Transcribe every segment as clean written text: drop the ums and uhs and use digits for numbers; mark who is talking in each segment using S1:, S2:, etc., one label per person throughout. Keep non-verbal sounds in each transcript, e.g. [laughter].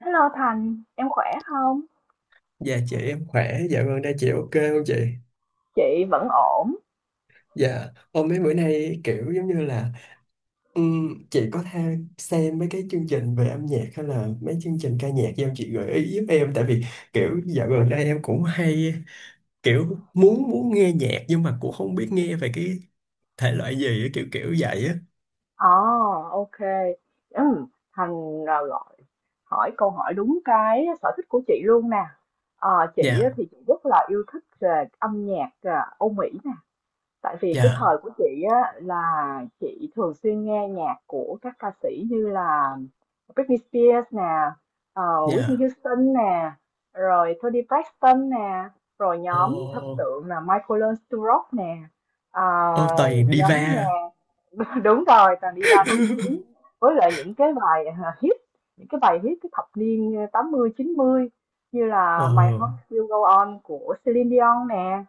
S1: Hello Thành, em khỏe không?
S2: Dạ chị em khỏe, dạ vâng đây chị ok không chị?
S1: Chị vẫn ổn.
S2: Dạ, hôm mấy bữa nay kiểu giống như là chị có theo xem mấy cái chương trình về âm nhạc hay là mấy chương trình ca nhạc do chị gợi ý giúp em, tại vì kiểu dạo gần đây em cũng hay kiểu muốn muốn nghe nhạc nhưng mà cũng không biết nghe về cái thể loại gì á, kiểu kiểu vậy á.
S1: Ồ, ok. Ừm, Thành à, gọi hỏi câu hỏi đúng cái sở thích của chị luôn nè. Ờ, chị á
S2: Dạ,
S1: thì chị rất là yêu thích về âm nhạc à, Âu Mỹ nè. Tại vì cái
S2: dạ,
S1: thời của chị á là chị thường xuyên nghe nhạc của các ca sĩ như là Britney Spears nè, ờ, Whitney
S2: dạ.
S1: Houston nè, rồi Toni Braxton nè, rồi nhóm thần
S2: Ồ,
S1: tượng là Michael Learns to Rock nè, ờ,
S2: ô toàn diva.
S1: nhóm nhạc [laughs] đúng rồi, toàn diva nổi
S2: [laughs]
S1: tiếng, với lại những cái bài hit cái thập niên 80 90 như
S2: Ồ,
S1: là My Heart Will Go On của Celine Dion nè,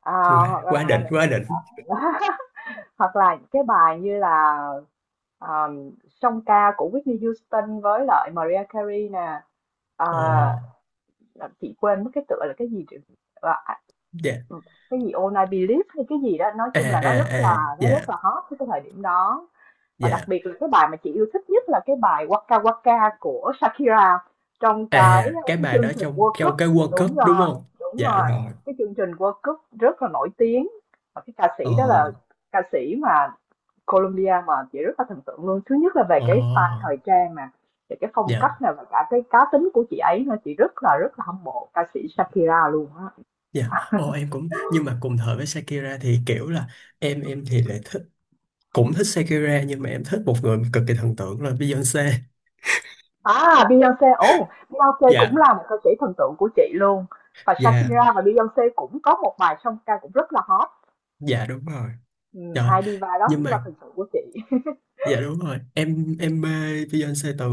S1: ờ,
S2: quá
S1: hoặc
S2: quá
S1: là
S2: đỉnh, quá đỉnh.
S1: [laughs] hoặc là những cái bài như là um, song ca của Whitney Houston với lại Mariah Carey nè,
S2: Ồ,
S1: à, chị quên mất cái tựa là cái gì là,
S2: dạ.
S1: cái gì All I Believe hay cái gì đó, nói
S2: À
S1: chung là
S2: à à,
S1: nó rất là
S2: dạ.
S1: hot cái thời điểm đó. Và đặc
S2: Dạ.
S1: biệt là cái bài mà chị yêu thích nhất là cái bài Waka Waka của Shakira trong cái
S2: À, cái
S1: cái
S2: bài
S1: chương
S2: đó
S1: trình
S2: trong
S1: World Cup.
S2: trong cái World Cup
S1: Đúng
S2: đúng
S1: rồi,
S2: không?
S1: đúng
S2: Dạ
S1: rồi,
S2: rồi.
S1: cái chương trình World Cup rất là nổi tiếng, và cái ca sĩ đó
S2: Ờ.
S1: là ca sĩ mà Colombia mà chị rất là thần tượng luôn. Thứ nhất là về
S2: Ờ.
S1: cái style thời trang nè, về cái phong
S2: Dạ.
S1: cách nè và cả cái cá tính của chị ấy nữa, chị rất là hâm mộ ca sĩ Shakira luôn á.
S2: Dạ. Ồ em cũng nhưng mà cùng thời với Shakira thì kiểu là em thì lại thích, cũng thích Shakira nhưng mà em thích một người cực kỳ thần tượng là Beyoncé.
S1: À, Beyoncé, ồ, Beyoncé cũng
S2: Dạ.
S1: là một ca sĩ thần tượng của chị luôn. Và
S2: Dạ.
S1: Shakira và Beyoncé cũng có một bài song ca cũng rất là hot.
S2: Dạ đúng rồi.
S1: Ừ,
S2: Trời.
S1: hai diva đó
S2: Nhưng
S1: cũng là
S2: mà
S1: thần tượng của chị. [laughs]
S2: dạ đúng rồi. Em mê Beyoncé từ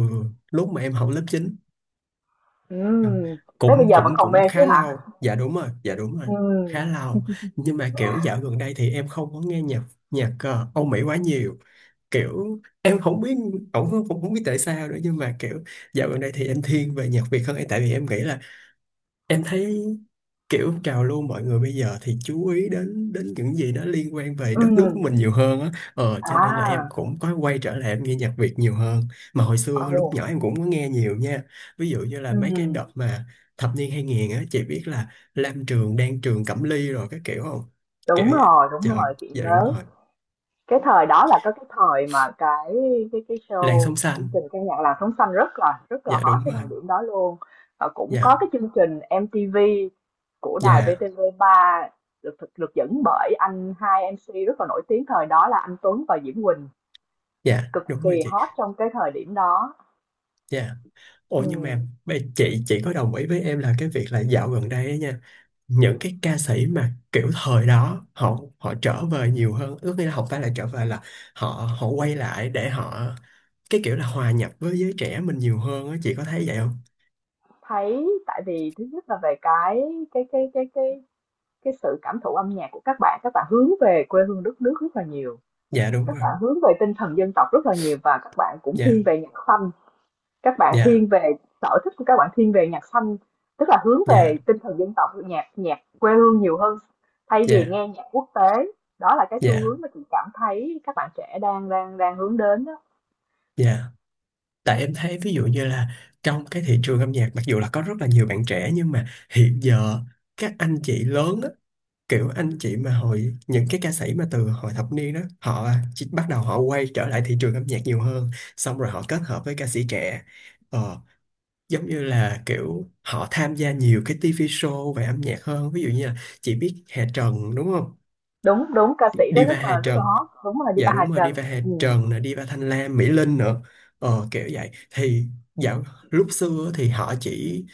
S2: lúc mà em học lớp chín.
S1: Ừ,
S2: Ờ,
S1: tới bây
S2: cũng
S1: giờ vẫn
S2: cũng
S1: còn
S2: cũng
S1: mê chứ
S2: khá
S1: hả?
S2: lâu, dạ đúng rồi, dạ đúng rồi, khá
S1: Ừ,
S2: lâu, nhưng mà kiểu dạo gần đây thì em không có nghe nhạc nhạc Âu Mỹ quá nhiều, kiểu em không biết, cũng không, không biết tại sao nữa nhưng mà kiểu dạo gần đây thì em thiên về nhạc Việt hơn, tại vì em nghĩ là em thấy kiểu trào lưu mọi người bây giờ thì chú ý đến đến những gì đó liên quan về đất nước của
S1: ừ,
S2: mình nhiều hơn á, ờ cho nên là em
S1: à,
S2: cũng có quay trở lại em nghe nhạc Việt nhiều hơn, mà hồi xưa
S1: ồ,
S2: lúc nhỏ em cũng có nghe nhiều nha, ví dụ như là mấy cái
S1: ừ,
S2: đợt mà thập niên 2000 á, chị biết là Lam Trường, Đan Trường, Cẩm Ly rồi các kiểu không, kiểu vậy,
S1: đúng
S2: dạ,
S1: rồi, chị
S2: dạ đúng
S1: nhớ.
S2: rồi,
S1: Cái thời đó là có cái thời mà cái
S2: làn
S1: show
S2: sóng
S1: chương
S2: xanh,
S1: trình ca nhạc làng sống xanh rất là
S2: dạ
S1: hot
S2: đúng
S1: cái
S2: rồi,
S1: thời điểm đó luôn. Và cũng có
S2: dạ,
S1: cái chương trình MTV của đài
S2: dạ,
S1: VTV3 được dẫn bởi anh hai MC rất là nổi tiếng thời đó là anh Tuấn và Diễm Quỳnh,
S2: dạ
S1: cực
S2: đúng rồi
S1: kỳ
S2: chị,
S1: hot trong cái thời điểm đó.
S2: dạ. Ồ nhưng
S1: Ừm,
S2: mà chị có đồng ý với em là cái việc là dạo gần đây á nha, những cái ca sĩ mà kiểu thời đó họ họ trở về nhiều hơn, ước nghĩa là không phải là trở về là họ họ quay lại để họ, cái kiểu là hòa nhập với giới trẻ mình nhiều hơn á, chị có thấy vậy không?
S1: thấy, tại vì thứ nhất là về cái cái cái cái cái sự cảm thụ âm nhạc của các bạn hướng về quê hương đất nước rất là nhiều,
S2: Dạ đúng
S1: các
S2: rồi,
S1: bạn hướng về tinh thần dân tộc rất là nhiều và các bạn cũng
S2: dạ,
S1: thiên về nhạc xanh, các bạn
S2: dạ,
S1: thiên về sở thích của các bạn thiên về nhạc xanh, tức là hướng
S2: dạ,
S1: về tinh thần dân tộc, nhạc nhạc quê hương nhiều hơn thay vì
S2: dạ,
S1: nghe nhạc quốc tế. Đó là cái xu
S2: dạ,
S1: hướng mà chị cảm thấy các bạn trẻ đang đang đang hướng đến đó.
S2: dạ, tại em thấy ví dụ như là trong cái thị trường âm nhạc, mặc dù là có rất là nhiều bạn trẻ nhưng mà hiện giờ các anh chị lớn á, kiểu anh chị mà hồi những cái ca sĩ mà từ hồi thập niên đó, họ chỉ bắt đầu họ quay trở lại thị trường âm nhạc nhiều hơn, xong rồi họ kết hợp với ca sĩ trẻ. Ờ, giống như là kiểu họ tham gia nhiều cái TV show về âm nhạc hơn, ví dụ như là chị biết Hà Trần đúng không,
S1: Đúng, đúng, ca sĩ đó
S2: Diva Hà
S1: rất là
S2: Trần,
S1: hot, đúng là Diva
S2: dạ
S1: Hà
S2: đúng rồi,
S1: Trần,
S2: Diva Hà
S1: ừ.
S2: Trần nè, Diva Thanh Lam, Mỹ Linh nữa, ờ, kiểu vậy thì dạo lúc xưa thì họ chỉ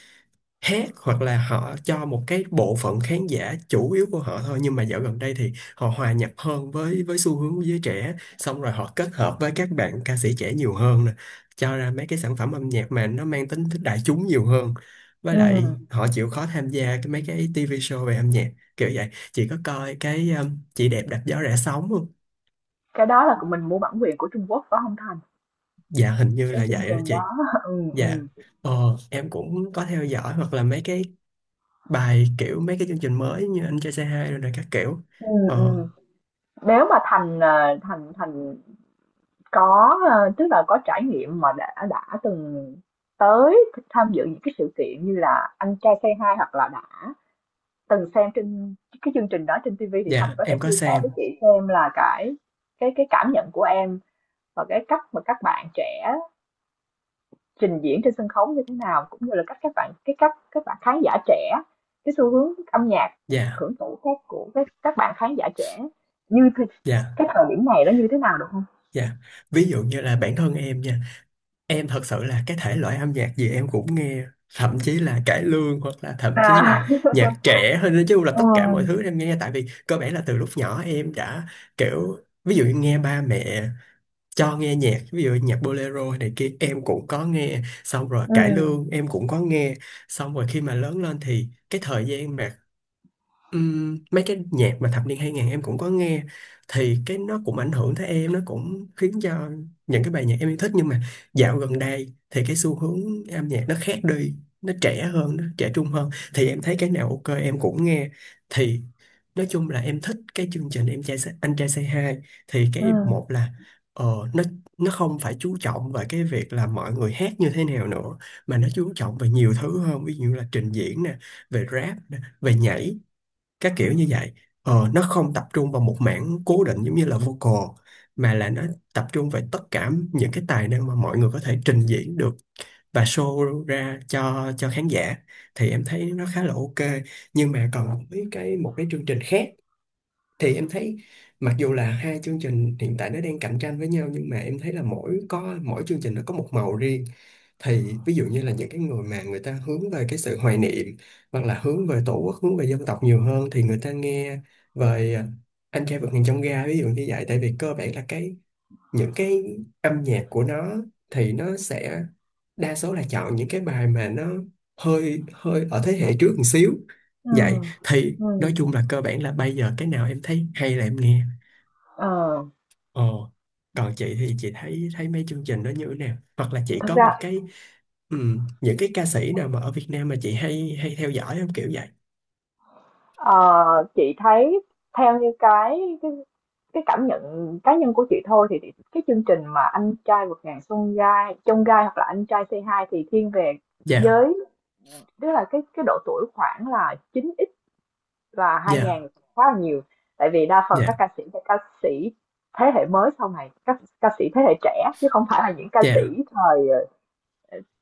S2: hát hoặc là họ cho một cái bộ phận khán giả chủ yếu của họ thôi, nhưng mà dạo gần đây thì họ hòa nhập hơn với xu hướng của giới trẻ, xong rồi họ kết hợp với các bạn ca sĩ trẻ nhiều hơn nè, cho ra mấy cái sản phẩm âm nhạc mà nó mang tính thích đại chúng nhiều hơn, với
S1: Ừ.
S2: lại họ chịu khó tham gia cái mấy cái TV show về âm nhạc, kiểu vậy. Chị có coi cái chị đẹp đạp gió rẽ sóng không?
S1: Cái đó là mình mua bản quyền của Trung Quốc phải không Thành?
S2: Dạ hình như
S1: Cái
S2: là
S1: chương
S2: vậy đó
S1: trình
S2: chị.
S1: đó [laughs] ừ,
S2: Dạ,
S1: ừ.
S2: ờ em cũng có theo dõi hoặc là mấy cái bài kiểu mấy cái chương trình mới như anh trai say hi rồi, rồi các kiểu,
S1: Ừ,
S2: ờ
S1: ừ. Nếu mà Thành, ờ, Thành Thành có, ờ, tức là có trải nghiệm mà đã từng tới tham dự những cái sự kiện như là Anh Trai Say Hi hoặc là đã từng xem trên cái chương trình đó trên TV thì Thành
S2: dạ
S1: có thể
S2: em
S1: chia
S2: có
S1: sẻ với
S2: xem.
S1: chị xem là cái cảm nhận của em và cái cách mà các bạn trẻ trình diễn trên sân khấu như thế nào, cũng như là cách các bạn cái cách các bạn khán giả trẻ, cái xu hướng âm nhạc
S2: Dạ,
S1: hưởng thụ khác của các bạn khán giả trẻ như thế,
S2: dạ,
S1: cái thời điểm này nó như thế nào được không?
S2: dạ, ví dụ như là bản thân em nha, em thật sự là cái thể loại âm nhạc gì em cũng nghe, thậm chí là cải lương hoặc là thậm chí là
S1: À.
S2: nhạc trẻ hơn, nói chung là
S1: [laughs] ừ,
S2: tất cả mọi thứ em nghe, tại vì cơ bản là từ lúc nhỏ em đã kiểu ví dụ như nghe ba mẹ cho nghe nhạc, ví dụ nhạc bolero này kia em cũng có nghe, xong rồi
S1: ừ,
S2: cải lương em cũng có nghe, xong rồi khi mà lớn lên thì cái thời gian mà mấy cái nhạc mà thập niên 2000 em cũng có nghe, thì cái nó cũng ảnh hưởng tới em, nó cũng khiến cho những cái bài nhạc em yêu thích, nhưng mà dạo gần đây thì cái xu hướng âm nhạc nó khác đi, nó trẻ hơn, nó trẻ trung hơn, thì em thấy cái nào ok em cũng nghe, thì nói chung là em thích cái chương trình anh trai Say Hi, thì
S1: ừ,
S2: cái một là ờ, nó nó không phải chú trọng về cái việc là mọi người hát như thế nào nữa, mà nó chú trọng về nhiều thứ hơn, ví dụ như là trình diễn nè, về rap nè, về nhảy, các kiểu như vậy. Ờ, nó không tập trung vào một mảng cố định giống như là vocal, mà là nó tập trung về tất cả những cái tài năng mà mọi người có thể trình diễn được và show ra cho khán giả, thì em thấy nó khá là ok. Nhưng mà còn với cái một cái chương trình khác thì em thấy mặc dù là hai chương trình hiện tại nó đang cạnh tranh với nhau, nhưng mà em thấy là mỗi có mỗi chương trình nó có một màu riêng, thì ví dụ như là những cái người mà người ta hướng về cái sự hoài niệm hoặc là hướng về tổ quốc, hướng về dân tộc nhiều hơn thì người ta nghe về anh trai vượt ngàn chông gai, ví dụ như vậy, tại vì cơ bản là cái những cái âm nhạc của nó thì nó sẽ đa số là chọn những cái bài mà nó hơi hơi ở thế hệ trước một xíu,
S1: ừ,
S2: vậy thì
S1: ừ.
S2: nói chung là cơ bản là bây giờ cái nào em thấy hay là em nghe.
S1: Ờ,
S2: Ồ, còn chị thì chị thấy thấy mấy chương trình đó như thế nào, hoặc là chị
S1: thật
S2: có một
S1: ra
S2: cái những cái ca sĩ nào mà ở Việt Nam mà chị hay hay theo dõi không, kiểu vậy?
S1: ờ, chị thấy theo như cái cảm nhận cá nhân của chị thôi thì cái chương trình mà anh trai vượt ngàn chông gai hoặc là anh trai c hai thì thiên về
S2: Dạ,
S1: giới. Tức là cái độ tuổi khoảng là 9X và 2000
S2: dạ,
S1: khá là nhiều. Tại vì đa phần các
S2: dạ,
S1: ca sĩ là ca sĩ thế hệ mới sau này, các ca sĩ thế hệ trẻ chứ không phải là những ca sĩ
S2: dạ,
S1: thời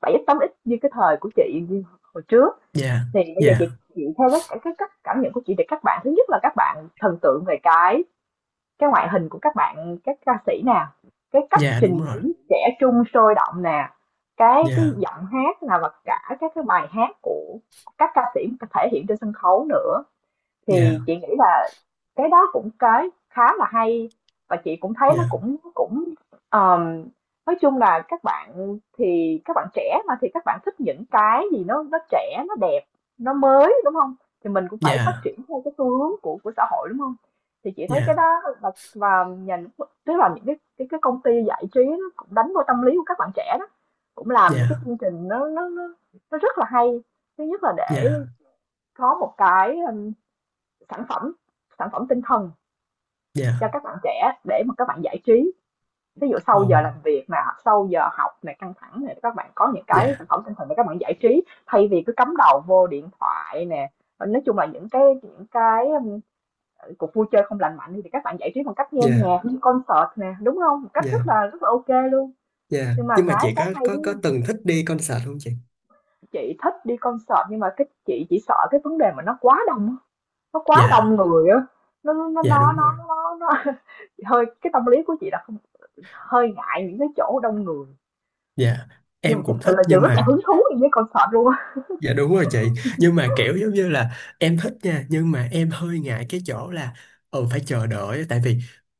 S1: 7X 8X như cái thời của chị như hồi trước.
S2: dạ,
S1: Thì bây giờ
S2: dạ,
S1: chị theo cái cách cảm nhận của chị thì các bạn thứ nhất là các bạn thần tượng về cái ngoại hình của các bạn các ca sĩ nè, cái cách
S2: dạ đúng
S1: trình
S2: rồi,
S1: diễn trẻ trung sôi động nè, cái
S2: dạ,
S1: giọng hát là và cả các cái bài hát của các ca sĩ thể hiện trên sân khấu nữa. Thì
S2: dạ,
S1: chị nghĩ là cái đó cũng cái khá là hay, và chị cũng thấy nó
S2: dạ,
S1: cũng cũng ờm, nói chung là các bạn thì các bạn trẻ mà thì các bạn thích những cái gì nó trẻ nó đẹp nó mới đúng không? Thì mình cũng phải phát
S2: dạ,
S1: triển theo cái xu hướng của xã hội đúng không? Thì chị thấy cái
S2: dạ,
S1: đó là, và nhà nước- tức là những cái công ty giải trí nó cũng đánh vô tâm lý của các bạn trẻ đó, cũng làm những cái
S2: dạ.
S1: chương trình nó rất là hay. Thứ nhất là để
S2: Dạ,
S1: có một cái Sản phẩm, sản phẩm tinh thần cho
S2: dạ,
S1: các bạn trẻ để mà các bạn giải trí. Ví dụ sau
S2: ồ,
S1: giờ làm việc nè, sau giờ học này căng thẳng này các bạn có những cái sản
S2: dạ,
S1: phẩm tinh thần để các bạn giải trí thay vì cứ cắm đầu vô điện thoại nè. Ờ, nói chung là những cái cuộc vui chơi không lành mạnh thì các bạn giải trí bằng cách nghe
S2: dạ,
S1: nhạc, đi concert nè, đúng không? Một cách
S2: dạ,
S1: rất là ok luôn.
S2: dạ,
S1: Nhưng mà
S2: nhưng mà chị
S1: cái
S2: có
S1: hay
S2: có
S1: đấy,
S2: có từng thích đi concert không chị?
S1: chị thích đi concert nhưng mà cái chị chỉ sợ cái vấn đề mà nó quá đông
S2: Dạ,
S1: người á. Nó nó nó
S2: dạ
S1: nó
S2: đúng rồi,
S1: nó Hơi, cái tâm lý của chị là không, hơi ngại những cái chỗ đông người,
S2: dạ,
S1: nhưng mà
S2: em
S1: thực
S2: cũng
S1: sự
S2: thích
S1: là chị
S2: nhưng
S1: rất là
S2: mà
S1: hứng thú đi với concert luôn á.
S2: dạ đúng rồi chị. Nhưng mà kiểu giống như là em thích nha, nhưng mà em hơi ngại cái chỗ là ừ phải chờ đợi, tại vì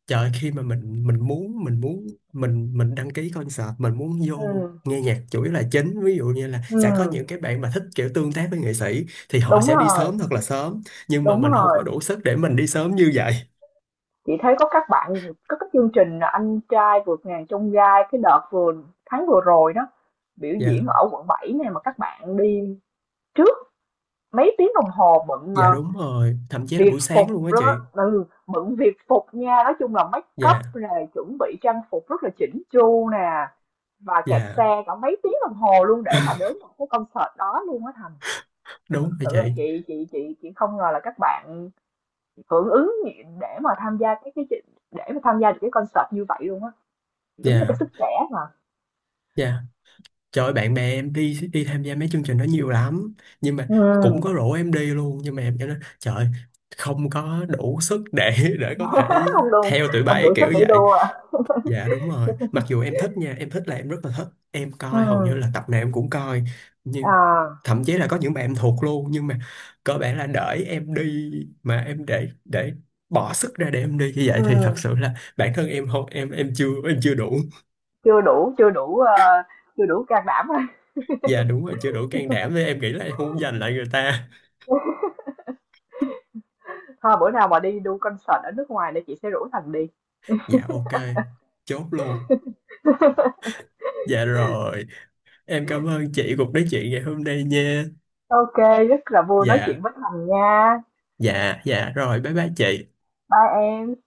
S2: trời ơi, khi mà mình muốn, mình muốn mình đăng ký concert, mình muốn vô
S1: Ừm,
S2: nghe nhạc chủ yếu là chính, ví dụ như là sẽ có những cái bạn mà thích kiểu tương tác với nghệ sĩ thì họ
S1: đúng
S2: sẽ đi
S1: rồi,
S2: sớm thật là sớm, nhưng mà
S1: đúng
S2: mình không
S1: rồi.
S2: có đủ sức để mình đi sớm như vậy.
S1: Chị thấy có các chương trình là Anh trai vượt ngàn chông gai cái đợt vừa tháng vừa rồi đó, biểu
S2: Dạ,
S1: diễn ở quận 7 này mà các bạn đi trước mấy tiếng đồng hồ, bận
S2: dạ
S1: ờ,
S2: đúng rồi, thậm chí là
S1: việt
S2: buổi
S1: phục
S2: sáng luôn á
S1: đó,
S2: chị.
S1: ừ, bận việt phục nha, nói chung là make
S2: Dạ,
S1: up này chuẩn bị trang phục rất là chỉnh chu nè, và kẹt
S2: dạ.
S1: xe cả mấy tiếng đồng hồ luôn để mà
S2: [laughs]
S1: đến một cái concert đó luôn á Thành. Thực
S2: Đúng rồi
S1: sự là
S2: chị.
S1: chị không ngờ là các bạn hưởng ứng để mà tham gia để mà tham gia được cái concert như vậy luôn á, đúng là cái
S2: Dạ,
S1: sức trẻ mà.
S2: dạ. Trời ơi, bạn bè em đi đi tham gia mấy chương trình đó nhiều lắm, nhưng mà cũng có
S1: Ừ,
S2: rủ em đi luôn nhưng mà em cho nó trời ơi, không có đủ sức để có thể
S1: không đủ
S2: theo tụi
S1: không đủ
S2: bay
S1: sức
S2: kiểu
S1: để
S2: vậy.
S1: đua à.
S2: Dạ đúng rồi, mặc dù em thích nha, em thích là em rất là thích, em
S1: Ừ
S2: coi hầu như là tập nào em cũng coi
S1: [laughs]
S2: nhưng
S1: à
S2: thậm chí là có những bạn em thuộc luôn, nhưng mà cơ bản là đợi em đi mà em để bỏ sức ra để em đi như
S1: ừ,
S2: vậy thì thật sự là bản thân em không, em chưa, em chưa đủ.
S1: chưa đủ chưa đủ ờ, chưa đủ can đảm thôi.
S2: Dạ đúng rồi chưa đủ can đảm, với em nghĩ là em không giành lại người ta.
S1: Thôi bữa nào mà đi đu concert ở nước ngoài thì chị sẽ rủ Thành đi.
S2: Dạ ok, chốt luôn. Dạ rồi, em cảm ơn chị cuộc nói chuyện ngày hôm nay nha.
S1: Ok, rất là vui nói
S2: Dạ,
S1: chuyện với Thành nha.
S2: dạ, dạ rồi, bye bye chị.
S1: Bye em.